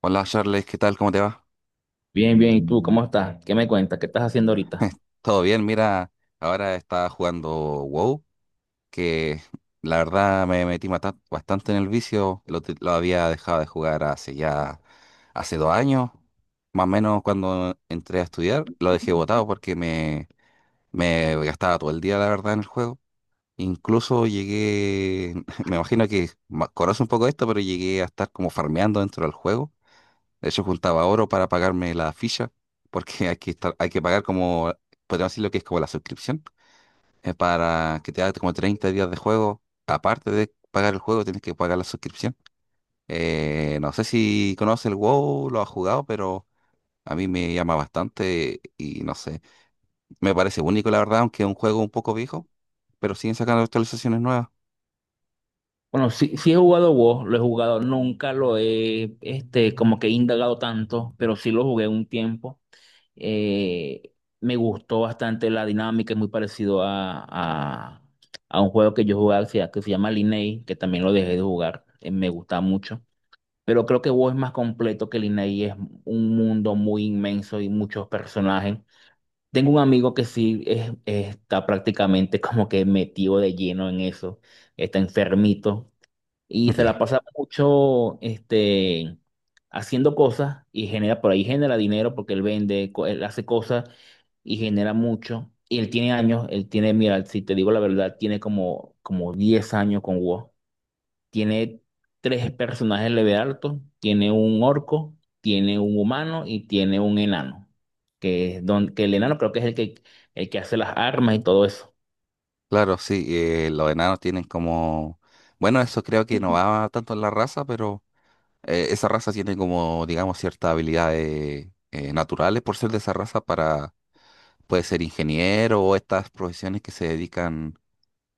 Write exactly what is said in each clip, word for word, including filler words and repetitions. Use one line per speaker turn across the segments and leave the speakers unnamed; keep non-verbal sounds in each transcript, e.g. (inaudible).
Hola Charles, ¿qué tal? ¿Cómo te va?
Bien, bien. ¿Y tú cómo estás? ¿Qué me cuentas? ¿Qué estás haciendo ahorita?
¿Todo bien? Mira, ahora estaba jugando WoW, que la verdad me metí mata- bastante en el vicio, lo, te- lo había dejado de jugar hace ya, hace dos años, más o menos cuando entré a estudiar, lo dejé botado porque me, me gastaba todo el día, la verdad, en el juego. Incluso llegué, (laughs) me imagino que ma- conoce un poco esto, pero llegué a estar como farmeando dentro del juego. De hecho, juntaba oro para pagarme la ficha, porque (laughs) hay que estar, hay que pagar como, podríamos decir lo que es como la suscripción, eh, para que te haga como treinta días de juego. Aparte de pagar el juego, tienes que pagar la suscripción. Eh, no sé si conoce el WoW, lo ha jugado, pero a mí me llama bastante y no sé. Me parece único, la verdad, aunque es un juego un poco viejo, pero siguen sacando actualizaciones nuevas.
Bueno, sí, sí he jugado WoW, lo he jugado, nunca lo he, este, como que he indagado tanto, pero sí lo jugué un tiempo. Eh, Me gustó bastante la dinámica, es muy parecido a, a, a un juego que yo jugaba que se que se llama Lineage, que también lo dejé de jugar, eh, me gusta mucho. Pero creo que WoW es más completo que Lineage, es un mundo muy inmenso y muchos personajes. Tengo un amigo que sí es- está prácticamente (laughs) como que metido de lleno en eso, está enfermito y
(laughs)
se
Ya,
la pasa mucho este, haciendo cosas y genera, por ahí genera dinero porque él vende, co- él hace cosas y genera mucho. Y él tiene años, él tiene, mira, si te digo la verdad, tiene como, como diez años con WoW, tiene tres personajes leve altos, tiene un orco, tiene un humano y tiene un enano, que es don, que el enano creo que es el que, el que hace las armas y todo eso.
claro, sí, eh, los enanos tienen como. Bueno, eso creo que no va tanto en la raza, pero eh, esa raza tiene como, digamos, ciertas habilidades eh, naturales por ser de esa raza para, puede ser ingeniero o estas profesiones que se dedican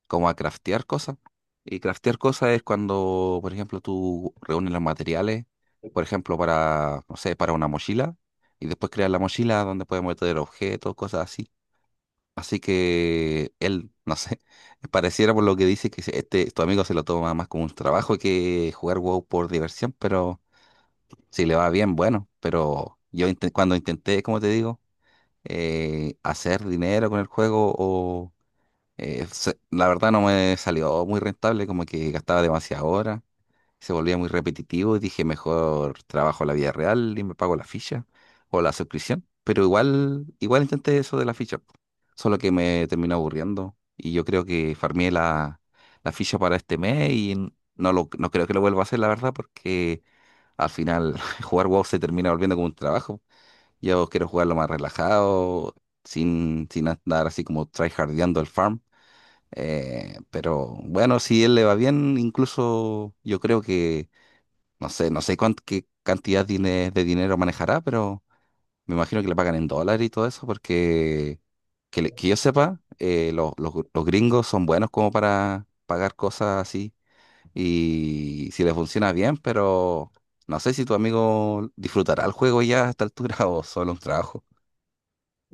como a craftear cosas. Y craftear cosas es cuando, por ejemplo, tú reúnes los materiales, por ejemplo, para, no sé, para una mochila, y después creas la mochila donde puedes meter objetos, cosas así. Así que él, no sé, (laughs) pareciera por lo que dice que se- este, tu amigo se lo toma más como un trabajo que jugar WoW por diversión, pero si le va bien, bueno, pero yo inte- cuando intenté, como te digo, eh, hacer dinero con el juego, o, eh, se- la verdad no me salió muy rentable, como que gastaba demasiada hora, se volvía muy repetitivo y dije, mejor trabajo la vida real y me pago la ficha o la suscripción, pero igual, igual intenté eso de la ficha, po, solo que me terminó aburriendo y yo creo que farmeé la, la ficha para este mes y n- no, lo, no creo que lo vuelva a hacer, la verdad, porque al final, (laughs) jugar WoW se termina volviendo como un trabajo. Yo quiero jugarlo más relajado, sin, sin andar así como tryhardeando el farm. Eh, pero bueno, si él le va bien, incluso yo creo que, no sé, no sé cuán- qué cantidad dine- de dinero manejará, pero me imagino que le pagan en dólares y todo eso, porque que, le- que yo sepa, eh, los, los- los gringos son buenos como para pagar cosas así y si le funciona bien, pero no sé si tu amigo disfrutará el juego ya a esta altura (laughs) o solo un trabajo.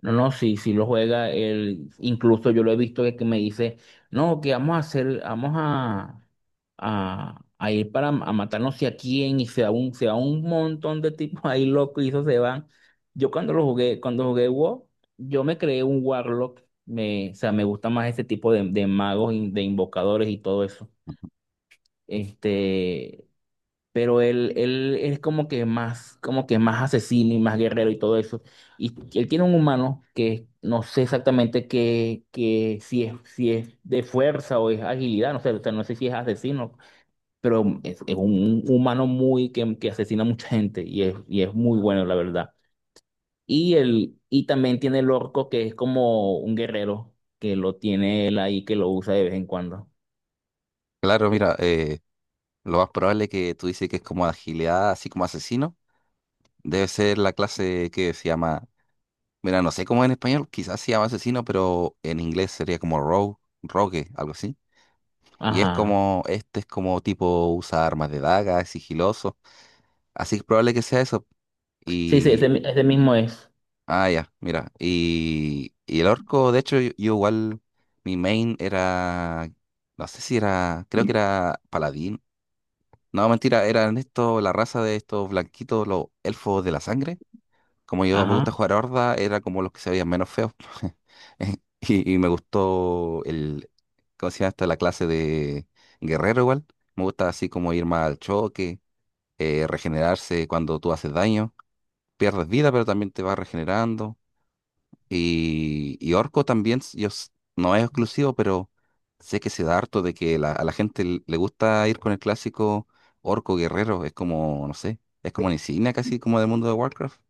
No, no, sí, sí lo juega. Él, incluso yo lo he visto que, que me dice, no, que vamos a hacer, vamos a, a, a ir para m- a matarnos sé a quién, y se da un, se da un montón de tipos (laughs) ahí locos y eso se van. Yo cuando lo jugué, cuando jugué WoW, yo me creé un Warlock. Me, o sea, me gusta más ese tipo de, de magos, in- de invocadores y todo eso. Este, pero él, él es como que más, como que más asesino y más guerrero y todo eso. Y él tiene un humano que no sé exactamente qué, qué, si es, si es de fuerza o es agilidad, no sé, o sea, no sé si es asesino, pero es, es un humano muy que, que asesina a mucha gente y es, y es muy bueno, la verdad. Y el, y también tiene el orco que es como un guerrero, que lo tiene él ahí, que lo usa de vez en cuando.
Claro, mira, eh, lo más probable que tú dices que es como agilidad, así como asesino, debe ser la clase que se llama, mira, no sé cómo en español, quizás se llama asesino, pero en inglés sería como rogue, rogue, algo así. Y es
Ajá.
como, este es como tipo usa armas de daga, es sigiloso, así que es probable que sea eso.
Sí, sí, ese,
Y
ese mismo es.
Ah, ya, mira. Y, y el orco, de hecho, yo, yo igual, mi main era, no sé si era, creo que era paladín. No, mentira, eran estos, la raza de estos blanquitos, los elfos de la sangre. Como yo me
Ajá.
gusta jugar horda, era como los que se veían menos feos. (laughs) Y, y me gustó el, ¿cómo se llama esta? La clase de guerrero igual. Me gusta así como ir más al choque, eh, regenerarse cuando tú haces daño. Pierdes vida, pero también te vas regenerando. Y, y Orco también, s- yo, s- no es exclusivo, pero sé que se da harto de que la- a la gente l- le gusta ir con el clásico Orco Guerrero. Es como, no sé, es como una insignia casi como del mundo de Warcraft.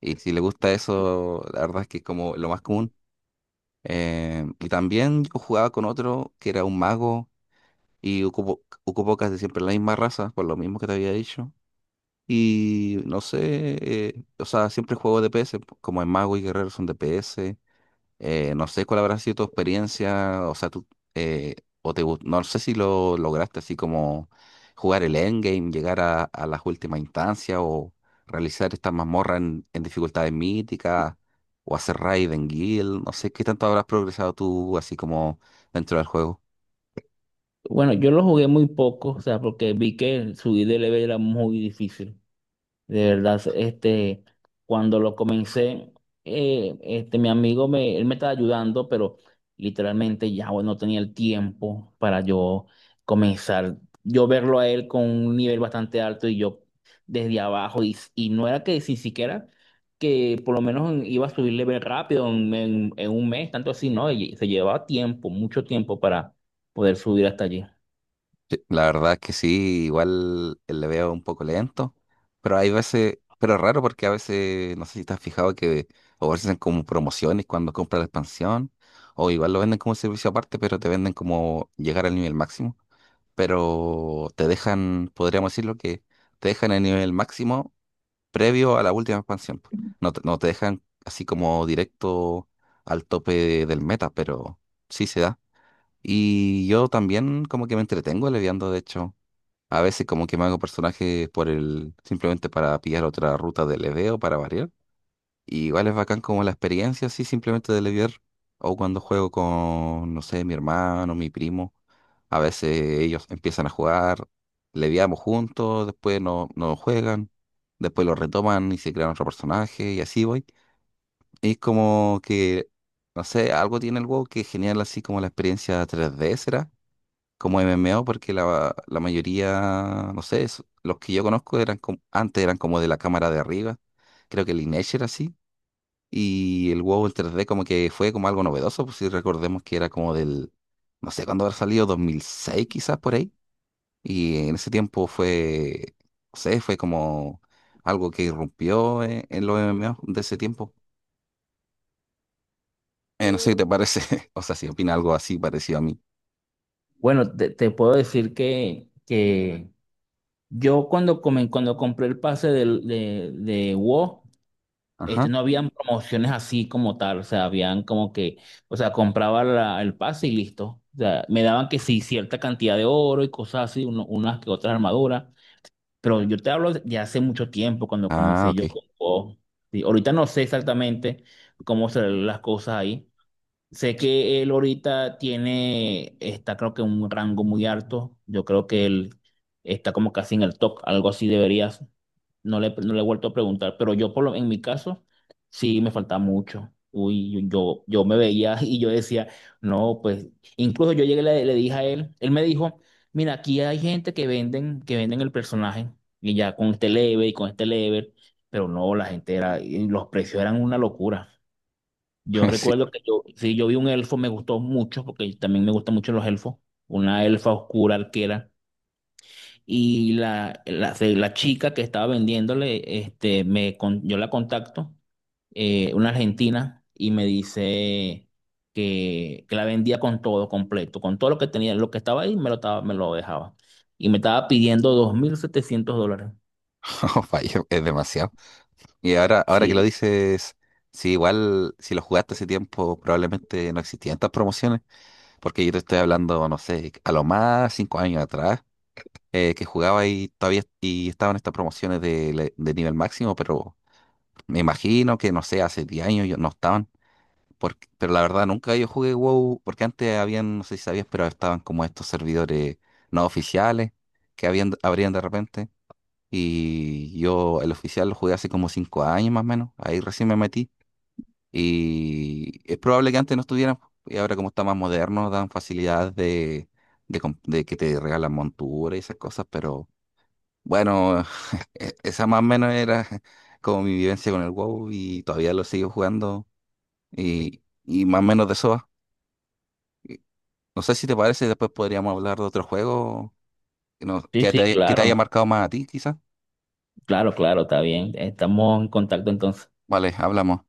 Y si le gusta eso, la verdad es que es como lo más común. Eh, y también yo jugaba con otro que era un mago y ocupó ocupó casi siempre la misma raza, por lo mismo que te había dicho. Y no sé, eh, o sea, siempre juego D P S, como el mago y guerrero son D P S. Eh, no sé cuál habrá sido tu experiencia, o sea, tú, eh, o te, gu- no sé si lo lograste así como jugar el endgame, llegar a, a las últimas instancias o realizar estas mazmorras en, en dificultades míticas o hacer raid en guild, no sé qué tanto habrás progresado tú así como dentro del juego.
Bueno, yo lo jugué muy poco, o sea, porque vi que subir de level era muy difícil. De verdad, este, cuando lo comencé, eh, este, mi amigo me, él me estaba ayudando, pero literalmente ya bueno, no tenía el tiempo para yo comenzar. Yo verlo a él con un nivel bastante alto y yo desde abajo, y, y no era que si siquiera que por lo menos iba a subir level rápido en, en en un mes, tanto así, ¿no? Y se llevaba tiempo, mucho tiempo para poder subir hasta allí.
Sí, la verdad es que sí, igual eh, le veo un poco lento, pero hay veces, pero es raro porque a veces, no sé si te has fijado que ofrecen como promociones cuando compras la expansión, o igual lo venden como servicio aparte, pero te venden como llegar al nivel máximo, pero te dejan, podríamos decirlo que te dejan el nivel máximo previo a la última expansión. No te, no te dejan así como directo al tope del meta, pero sí se da. Y yo también como que me entretengo leviando, de hecho. A veces como que me hago personajes por el, simplemente para pillar otra ruta de leveo, para variar. Y igual es bacán como la experiencia así simplemente de levear. O cuando juego con, no sé, mi hermano, mi primo. A veces ellos empiezan a jugar, leviamos juntos, después no, no juegan, después lo retoman y se crean otro personaje y así voy. Y es como que, no sé, algo tiene el WoW que es genial así como la experiencia tres d será como M M O porque la, la mayoría, no sé, es- los que yo conozco eran como, antes eran como de la cámara de arriba, creo que el Lineage era así, y el WoW en tres d como que fue como algo novedoso, pues si recordemos que era como del, no sé cuándo habrá salido, dos mil seis quizás por ahí, y en ese tiempo fue, no sé, fue como algo que irrumpió en, en los M M O de ese tiempo. Eh, no sé qué te parece, (laughs) o sea, si opina algo así parecido a mí.
Bueno, te, te puedo decir que, que yo cuando, come- cuando compré el pase del- de, de, WoW, este,
Ajá.
no habían promociones así como tal, o sea, habían como que, o sea, compraba la- el pase y listo. O sea, me daban que sí, cierta cantidad de oro y cosas así, uno- unas que otras armaduras, pero yo te hablo de hace mucho tiempo cuando
Ah,
comencé yo
ok.
con WoW. Sí, ahorita no sé exactamente cómo serán las cosas ahí. Sé que él ahorita tiene, está creo que en un rango muy alto. Yo creo que él está como casi en el top, algo así deberías. No le, no le he vuelto a preguntar, pero yo por lo, en mi caso sí me faltaba mucho. Uy, yo, yo me veía (laughs) y yo decía, no, pues incluso yo llegué y le, le dije a él, él me dijo, mira, aquí hay gente que venden, que venden, el personaje y ya con este level y con este level, pero no, la gente era, y los precios eran una locura. Yo
(laughs) Sí,
recuerdo que yo, sí, yo vi un elfo, me gustó mucho, porque también me gustan mucho los elfos, una elfa oscura arquera. Y la, la, se- la chica que estaba vendiéndole, este, me, con- yo la contacto, eh, una argentina, y me dice que, que la vendía con todo completo, con todo lo que tenía, lo que estaba ahí, me lo, estaba, me lo dejaba. Y me estaba pidiendo dos mil setecientos dólares.
(laughs) fallo, es demasiado. Y ahora, ahora que lo
Sí,
dices, sí, igual si lo jugaste hace tiempo, probablemente no existían tantas promociones, porque yo te estoy hablando, no sé, a lo más cinco años atrás, eh, que jugaba y todavía y estaban estas promociones de, le- de nivel máximo, pero me imagino que, no sé, hace diez años yo- no estaban, porque, pero la verdad nunca yo jugué WoW, porque antes habían, no sé si sabías, pero estaban como estos servidores no oficiales que habían, abrían de repente. Y yo el oficial lo jugué hace como cinco años más o menos. Ahí recién me metí y es probable que antes no estuvieran, po, y ahora como está más moderno, dan facilidades de, de, comp- de que te regalan montura y esas cosas, pero bueno, (laughs) e- esa más o menos era (laughs) como mi vivencia con el WoW y todavía lo sigo jugando y, y más o menos de eso va. Y no sé si te parece, después podríamos hablar de otro juego que, nos-
sí,
que
sí,
te, que te haya
claro,
marcado más a ti, quizás.
claro, claro, está bien. Estamos en contacto entonces.
Vale, hablamos.